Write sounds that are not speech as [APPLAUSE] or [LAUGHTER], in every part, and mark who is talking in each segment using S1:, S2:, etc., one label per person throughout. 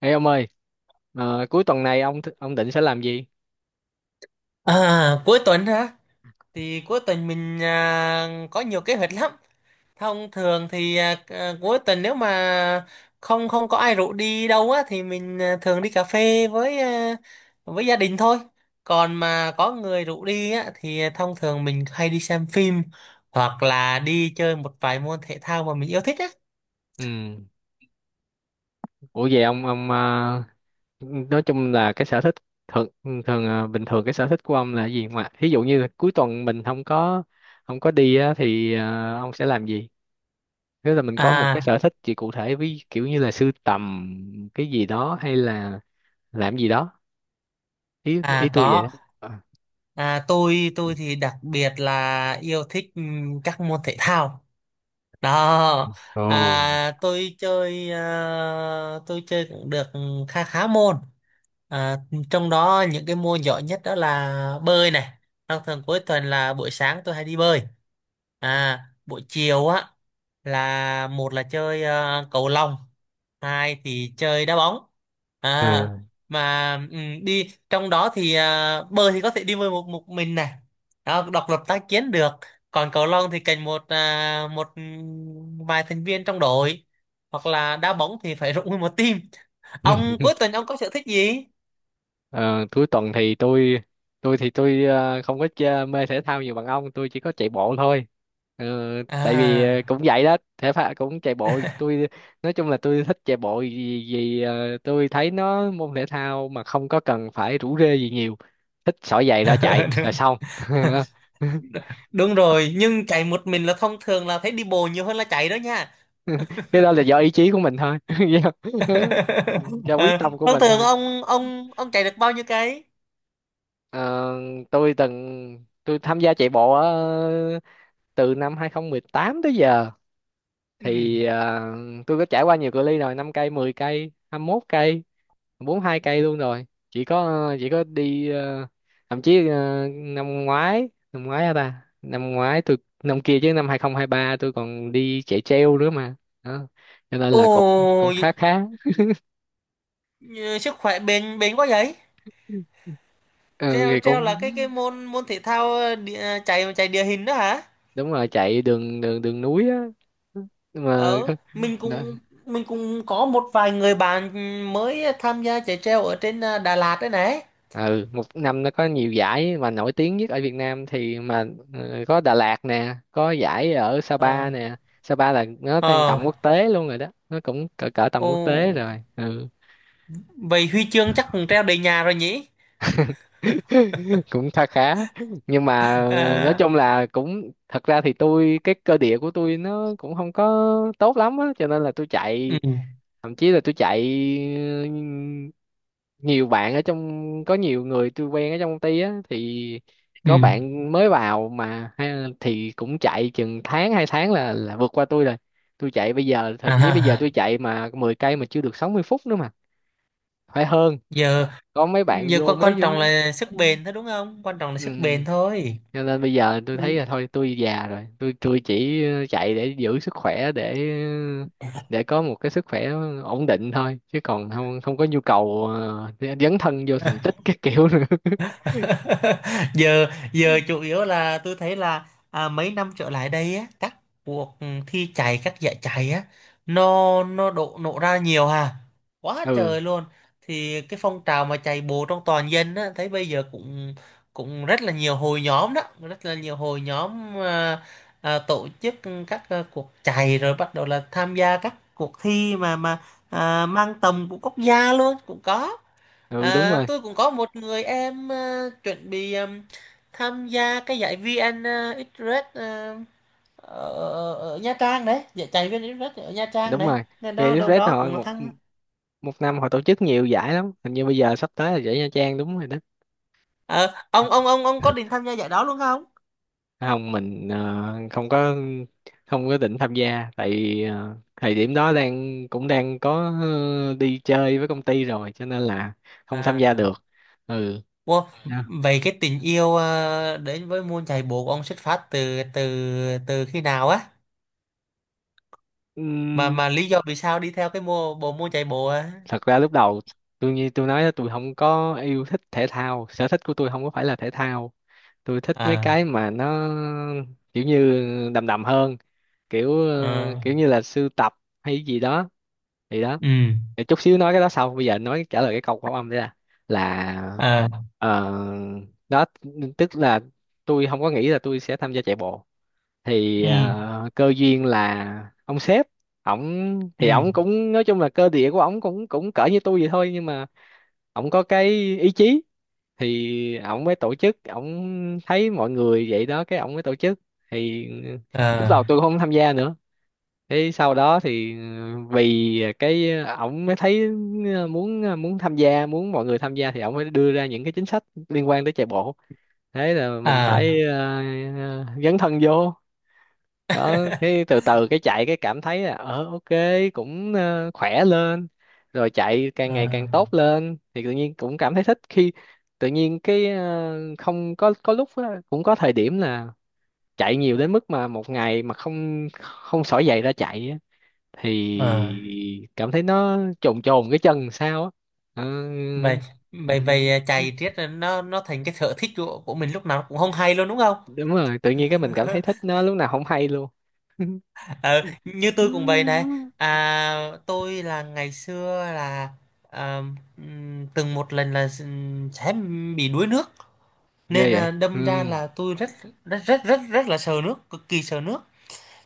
S1: Ê ông ơi, cuối tuần này ông định sẽ làm gì?
S2: À, cuối tuần hả? Thì cuối tuần mình có nhiều kế hoạch lắm. Thông thường thì cuối tuần nếu mà không không có ai rủ đi đâu á thì mình thường đi cà phê với gia đình thôi. Còn mà có người rủ đi á thì thông thường mình hay đi xem phim hoặc là đi chơi một vài môn thể thao mà mình yêu thích á.
S1: Ừ. Ủa vậy ông nói chung là cái sở thích thường thường ờ, bình thường cái sở thích của ông là gì, mà ví dụ như là cuối tuần mình không có đi á, thì ông sẽ làm gì? Nếu là mình có một cái
S2: À,
S1: sở thích gì cụ thể, ví kiểu như là sưu tầm cái gì đó hay là làm gì đó. Ý
S2: à,
S1: ý tôi vậy đó.
S2: có.
S1: Ờ.
S2: À, tôi thì đặc biệt là yêu thích các môn thể thao. Đó, tôi chơi cũng được khá khá môn. À, trong đó những cái môn giỏi nhất đó là bơi này. Thường thường cuối tuần là buổi sáng tôi hay đi bơi. À, buổi chiều á là một là chơi cầu lông, hai thì chơi đá bóng. À,
S1: Ồ.
S2: mà đi trong đó thì bơi thì có thể đi bơi một một mình này. Đó, độc lập tác chiến được, còn cầu lông thì cần một vài thành viên trong đội, hoặc là đá bóng thì phải [LAUGHS] rụng nguyên một team. Ông cuối tuần, ông có sở thích gì
S1: Ờ, cuối tuần thì tôi không có chơi, mê thể thao nhiều bằng ông, tôi chỉ có chạy bộ thôi. Ờ, tại vì cũng
S2: à?
S1: vậy đó, thể thao cũng chạy bộ, tôi nói chung là tôi thích chạy bộ, vì tôi thấy nó môn thể thao mà không có cần phải rủ rê gì nhiều, thích xỏ giày ra chạy
S2: [LAUGHS]
S1: là
S2: đúng
S1: xong. [LAUGHS]
S2: đúng rồi, nhưng chạy một mình là thông thường là thấy đi bộ nhiều hơn là chạy đó nha.
S1: Cái đó là do ý chí của mình thôi. [LAUGHS] do
S2: [LAUGHS]
S1: do quyết
S2: à,
S1: tâm của
S2: thông
S1: mình
S2: thường
S1: thôi.
S2: ông chạy được bao nhiêu cái?
S1: Ờ, Tôi tham gia chạy bộ từ năm 2018 tới giờ
S2: Ừ.
S1: thì tôi có trải qua nhiều cự ly rồi, 5 cây, 10 cây, 21 cây, 42 cây luôn rồi. Chỉ có đi thậm chí năm ngoái tôi, năm kia chứ, năm 2023 tôi còn đi chạy treo nữa mà. Đó, cho nên
S2: Ồ.
S1: là cũng cũng khá khá
S2: Ừ, sức khỏe bền bền quá vậy.
S1: Ừ
S2: treo
S1: thì
S2: treo là
S1: cũng
S2: cái môn môn thể thao ờ, địa, à, chạy chạy địa hình đó hả?
S1: đúng rồi, chạy đường đường đường núi á, nhưng mà
S2: Ờ, mình cũng
S1: [LAUGHS]
S2: mình cũng có một vài người bạn mới tham gia chạy treo ở trên Đà Lạt đấy này.
S1: ừ, một năm nó có nhiều giải, mà nổi tiếng nhất ở Việt Nam thì mà có Đà Lạt nè, có giải ở
S2: Ờ.
S1: Sapa nè. Sapa là nó đang
S2: Ờ.
S1: tầm quốc tế luôn rồi đó, nó cũng cỡ cỡ tầm
S2: Ồ,
S1: quốc tế rồi. Ừ.
S2: vậy huy chương chắc cũng treo đầy nhà rồi nhỉ?
S1: [LAUGHS] Cũng khá khá, nhưng mà nói
S2: À,
S1: chung là cũng, thật ra thì tôi, cái cơ địa của tôi nó cũng không có tốt lắm á, cho nên là tôi
S2: ừ.
S1: chạy, thậm chí là tôi chạy, ừ, nhiều bạn ở trong, có nhiều người tôi quen ở trong công ty á, thì
S2: Ừ.
S1: có bạn mới vào mà ha, thì cũng chạy chừng tháng hai tháng là vượt qua tôi rồi. Tôi chạy bây giờ, thậm chí bây giờ
S2: À,
S1: tôi chạy mà 10 cây mà chưa được 60 phút nữa mà, phải hơn.
S2: giờ
S1: Có mấy bạn
S2: giờ quan quan
S1: vô.
S2: trọng là sức bền thôi đúng không? Quan trọng là
S1: Ừ,
S2: sức bền thôi.
S1: cho nên bây giờ tôi thấy là thôi, tôi già rồi, tôi chỉ chạy để giữ sức khỏe, để có một cái sức khỏe ổn định thôi, chứ còn không không có nhu cầu dấn thân vô thành tích cái kiểu nữa. [LAUGHS]
S2: [LAUGHS] giờ giờ chủ yếu là tôi thấy là mấy năm trở lại đây á, các cuộc thi chạy, các giải chạy á, nó độ nổ ra nhiều hà quá
S1: Ừ.
S2: trời luôn. Thì cái phong trào mà chạy bộ trong toàn dân á thấy bây giờ cũng cũng rất là nhiều hội nhóm đó, rất là nhiều hội nhóm tổ chức các cuộc chạy, rồi bắt đầu là tham gia các cuộc thi mà mang tầm của quốc gia luôn cũng có.
S1: Ừ đúng
S2: À,
S1: rồi.
S2: tôi cũng có một người em chuẩn bị tham gia cái giải VN Express ở Nha Trang đấy, giải chạy VN Express ở Nha Trang
S1: Đúng
S2: đấy.
S1: rồi,
S2: Nên đó đâu
S1: VnExpress
S2: đó
S1: họ
S2: cũng là
S1: một
S2: tham.
S1: một năm họ tổ chức nhiều giải lắm, hình như bây giờ sắp tới là giải Nha Trang, đúng rồi đó.
S2: Ờ, ông có định tham gia giải đó luôn không?
S1: Không, mình không có không có định tham gia, tại vì thời điểm đó đang cũng đang có đi chơi với công ty rồi, cho nên là không tham gia
S2: À,
S1: được. Ừ.
S2: wow.
S1: Dạ.
S2: Vậy cái tình yêu đến với môn chạy bộ của ông xuất phát từ từ từ khi nào á? Mà
S1: Ừm,
S2: mà lý do vì sao đi theo cái bộ môn chạy bộ á?
S1: thật ra lúc đầu tôi như tôi nói đó, tôi không có yêu thích thể thao, sở thích của tôi không có phải là thể thao. Tôi thích mấy
S2: À,
S1: cái mà nó kiểu như đầm đầm hơn, kiểu
S2: ờ,
S1: kiểu như là sưu tập hay gì đó. Thì đó.
S2: ừ,
S1: Để chút xíu nói cái đó sau, bây giờ nói trả lời cái câu khẩu âm đấy là,
S2: à,
S1: ờ, đó, tức là tôi không có nghĩ là tôi sẽ tham gia chạy bộ. Thì
S2: ừ,
S1: cơ duyên là ông sếp, ổng
S2: ừ,
S1: thì ổng cũng nói chung là cơ địa của ổng cũng cũng cỡ như tôi vậy thôi, nhưng mà ổng có cái ý chí. Thì ổng mới tổ chức, ổng thấy mọi người vậy đó, cái ổng mới tổ chức thì lúc đầu
S2: à.
S1: tôi không tham gia nữa. Thế sau đó thì ừ, vì cái ổng mới thấy muốn muốn tham gia, muốn mọi người tham gia, thì ổng mới đưa ra những cái chính sách liên quan tới chạy bộ. Thế là mình phải
S2: À,
S1: dấn thân vô. Đó, cái từ từ cái chạy cái cảm thấy là ờ ok, cũng khỏe lên. Rồi chạy càng ngày
S2: à,
S1: càng tốt lên thì tự nhiên cũng cảm thấy thích. Khi tự nhiên cái không có, có lúc á, cũng có thời điểm là chạy nhiều đến mức mà một ngày mà không không xỏ giày ra chạy
S2: à.
S1: thì cảm thấy nó trồn trồn cái chân sao á. Ờ,
S2: Vậy vậy vậy chạy riết là nó thành cái sở thích của mình lúc nào cũng không hay luôn đúng không?
S1: đúng rồi, tự nhiên cái mình cảm thấy thích
S2: [LAUGHS]
S1: nó lúc nào không hay luôn. [LAUGHS]
S2: Ờ, như tôi cũng vậy này. À, tôi là ngày xưa là à, từng một lần là sẽ bị đuối nước, nên
S1: Ghê
S2: là
S1: vậy. Ừ.
S2: đâm ra là tôi rất rất rất rất rất là sợ nước, cực kỳ sợ nước.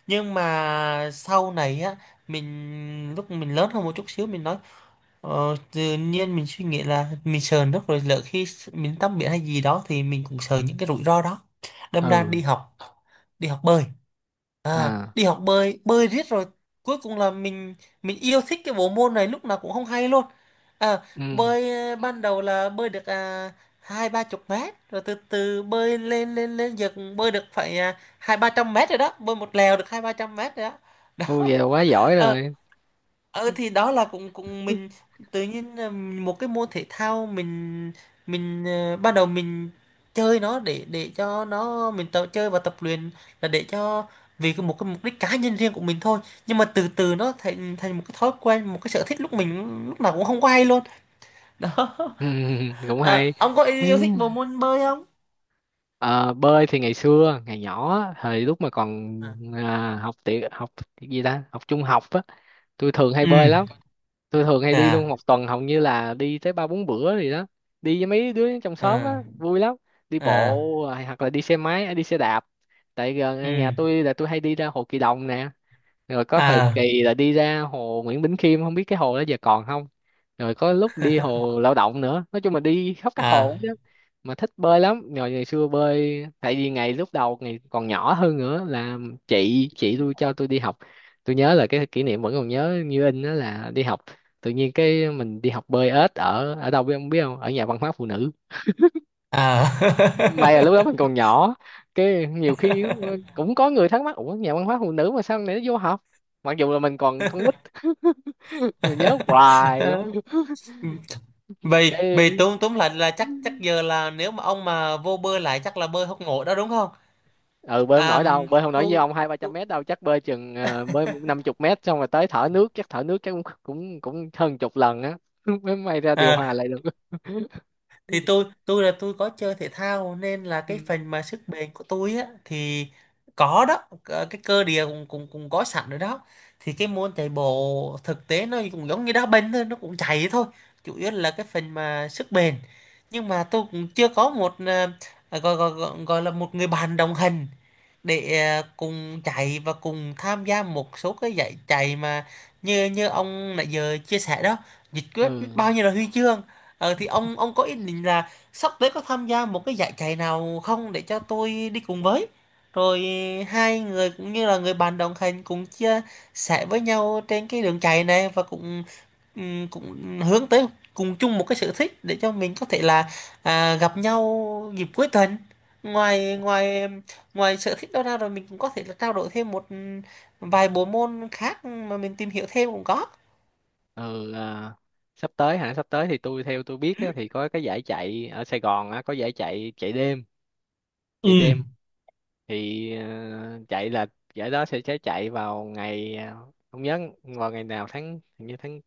S2: Nhưng mà sau này á, lúc mình lớn hơn một chút xíu, mình nói Ờ, tự nhiên mình suy nghĩ là mình sợ nước, rồi lỡ khi mình tắm biển hay gì đó thì mình cũng sợ những cái rủi ro đó, đâm ra
S1: Ừ.
S2: đi học bơi,
S1: À.
S2: đi học bơi bơi riết rồi cuối cùng là mình yêu thích cái bộ môn này lúc nào cũng không hay luôn. À,
S1: Ừ.
S2: bơi, ban đầu là bơi được, hai ba chục mét, rồi từ từ bơi lên lên lên giờ cũng bơi được phải hai ba trăm mét rồi đó, bơi một lèo được hai ba trăm mét rồi đó
S1: Ô vậy
S2: đó.
S1: là quá giỏi rồi.
S2: [LAUGHS] Ờ thì đó là cũng cũng mình tự nhiên là một cái môn thể thao ban đầu mình chơi nó để cho nó mình tập chơi và tập luyện, là để cho vì một cái mục đích cá nhân riêng của mình thôi. Nhưng mà từ từ nó thành thành một cái thói quen, một cái sở thích lúc nào cũng không có hay luôn. [LAUGHS] Đó.
S1: Ừ. [LAUGHS] Cũng
S2: À,
S1: hay.
S2: ông có
S1: Ừ.
S2: yêu thích bộ môn bơi không?
S1: Ờ, bơi thì ngày xưa ngày nhỏ á, thời lúc mà còn học tiểu học, gì ta, học trung học á, tôi thường hay
S2: À.
S1: bơi lắm.
S2: Ừ,
S1: Tôi thường hay đi
S2: à,
S1: luôn, một tuần hầu như là đi tới ba bốn bữa gì đó, đi với mấy đứa trong xóm
S2: à,
S1: á, vui lắm. Đi
S2: à,
S1: bộ, rồi hoặc là đi xe máy, đi xe đạp. Tại gần nhà
S2: ừ,
S1: tôi là tôi hay đi ra Hồ Kỳ Đồng nè, rồi có thời
S2: à,
S1: kỳ là đi ra hồ Nguyễn Bỉnh Khiêm, không biết cái hồ đó giờ còn không, rồi có lúc đi hồ Lao Động nữa, nói chung là đi khắp các
S2: à,
S1: hồ đó mà. Thích bơi lắm. Rồi ngày xưa bơi tại vì ngày lúc đầu, ngày còn nhỏ hơn nữa là, chị tôi cho tôi đi học, tôi nhớ là cái kỷ niệm vẫn còn nhớ như in đó là đi học, tự nhiên cái mình đi học bơi ếch ở ở đâu biết không, biết không, ở nhà văn hóa phụ nữ.
S2: à.
S1: May là lúc đó mình còn nhỏ, cái nhiều khi
S2: [LAUGHS]
S1: cũng có người thắc mắc ủa nhà văn hóa phụ nữ mà sao này nó vô học, mặc dù là mình còn con nít. [LAUGHS] Tôi nhớ hoài
S2: [LAUGHS]
S1: luôn.
S2: vậy vậy
S1: Cái
S2: tốn tốn lại là chắc chắc giờ là nếu mà ông mà vô bơi lại chắc là bơi hốc nổi đó đúng không?
S1: ừ, bơi không
S2: à,
S1: nổi đâu, bơi không nổi với
S2: tôi
S1: ông hai ba trăm
S2: tôi-
S1: mét đâu, chắc bơi chừng bơi năm chục mét xong rồi tới thở nước, chắc thở nước chắc cũng cũng cũng hơn chục lần á. [LAUGHS] Mới may ra điều
S2: à,
S1: hòa lại được. [LAUGHS]
S2: thì tôi là tôi có chơi thể thao nên là cái
S1: Ừ.
S2: phần mà sức bền của tôi á thì có đó. Ờ, cái cơ địa cũng cũng cũng có sẵn rồi đó. Thì cái môn chạy bộ thực tế nó cũng giống như đá banh thôi, nó cũng chạy thôi, chủ yếu là cái phần mà sức bền. Nhưng mà tôi cũng chưa có một ờ, gọi, gọi gọi gọi là một người bạn đồng hành, để cùng chạy và cùng tham gia một số cái giải chạy mà như như ông nãy giờ chia sẻ đó, nhiệt
S1: Ừ.
S2: quyết biết bao nhiêu là huy chương. Ờ, thì ông có ý định là sắp tới có tham gia một cái giải chạy nào không, để cho tôi đi cùng với, rồi hai người cũng như là người bạn đồng hành, cùng chia sẻ với nhau trên cái đường chạy này, và cũng cũng hướng tới cùng chung một cái sở thích, để cho mình có thể là gặp nhau dịp cuối tuần. Ngoài ngoài ngoài sở thích đó ra, rồi mình cũng có thể là trao đổi thêm một vài bộ môn khác mà mình tìm hiểu thêm cũng có.
S1: Ừ, sắp tới hả, sắp tới thì tôi theo tôi biết á, thì có cái giải chạy ở Sài Gòn á, có giải chạy, chạy đêm,
S2: Ừ.
S1: chạy đêm. Thì chạy là giải đó sẽ chạy vào ngày không nhớ vào ngày nào tháng, hình như tháng,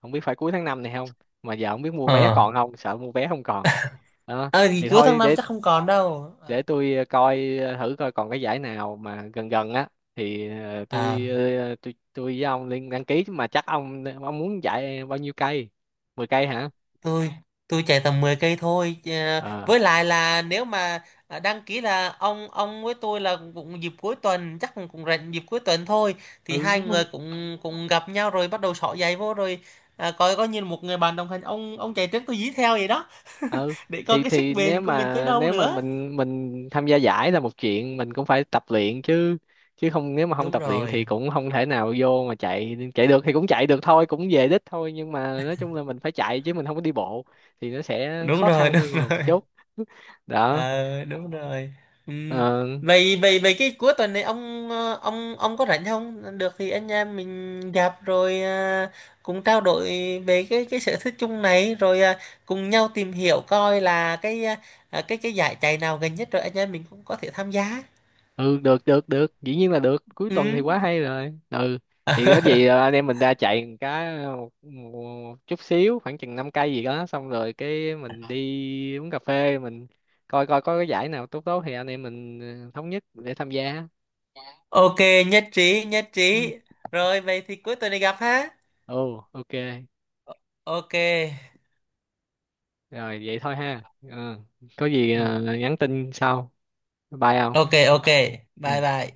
S1: không biết phải cuối tháng 5 này không, mà giờ không biết mua vé
S2: Ờ.
S1: còn không, sợ mua vé không còn. Đó.
S2: ờ thì
S1: Thì
S2: cuối tháng
S1: thôi
S2: năm
S1: để
S2: chắc không còn đâu.
S1: để
S2: Ờ.
S1: tôi coi thử coi còn cái giải nào mà gần gần á thì
S2: À,
S1: tôi với ông liên đăng ký. Chứ mà chắc ông muốn giải bao nhiêu cây, 10 cây hả?
S2: tôi tôi chạy tầm 10 cây thôi. Ờ,
S1: Ờ.
S2: với lại là nếu mà đăng ký là ông với tôi là cũng dịp cuối tuần, chắc cũng cũng rảnh dịp cuối tuần thôi, thì
S1: Ừ
S2: hai
S1: đúng
S2: người
S1: rồi.
S2: cũng cũng gặp nhau rồi bắt đầu xỏ giày vô rồi. À, coi có như là một người bạn đồng hành, ông chạy trước tôi dí theo vậy đó,
S1: Ừ
S2: để coi
S1: thì,
S2: cái sức bền của mình tới đâu
S1: nếu mà
S2: nữa.
S1: mình tham gia giải là một chuyện, mình cũng phải tập luyện chứ, chứ không, nếu mà không
S2: Đúng
S1: tập luyện thì
S2: rồi,
S1: cũng không thể nào vô mà chạy chạy được, thì cũng chạy được thôi, cũng về đích thôi, nhưng mà nói chung là mình phải chạy chứ mình không có đi bộ, thì nó sẽ
S2: đúng
S1: khó
S2: rồi. [LAUGHS]
S1: khăn
S2: Đúng
S1: hơn một
S2: rồi.
S1: chút. [LAUGHS] Đó.
S2: Ờ đúng rồi. Ừm,
S1: Ờ,
S2: vậy vậy vậy cái cuối tuần này ông ờ, ông có rảnh không, được thì anh em mình gặp rồi cùng trao đổi về cái sở thích chung này, rồi cùng nhau tìm hiểu coi là cái à, à, cái giải chạy nào gần nhất, rồi anh em mình cũng có thể tham gia.
S1: ừ, được được được, dĩ nhiên là được, cuối tuần thì
S2: Ừm,
S1: quá hay rồi. Ừ, thì có gì anh em mình ra chạy một cái một chút xíu khoảng chừng 5 cây gì đó, xong rồi cái mình đi uống cà phê, mình coi coi có cái giải nào tốt tốt thì anh em mình thống nhất để tham gia.
S2: ok. Nhất trí, nhất
S1: Ừ.
S2: trí. Rồi vậy thì cuối tuần này gặp ha.
S1: Ồ ok,
S2: Ok.
S1: rồi vậy thôi ha. Ừ. Có gì
S2: Ừm,
S1: nhắn tin sau, bye không.
S2: ok, ok. Bye
S1: Ừ.
S2: bye.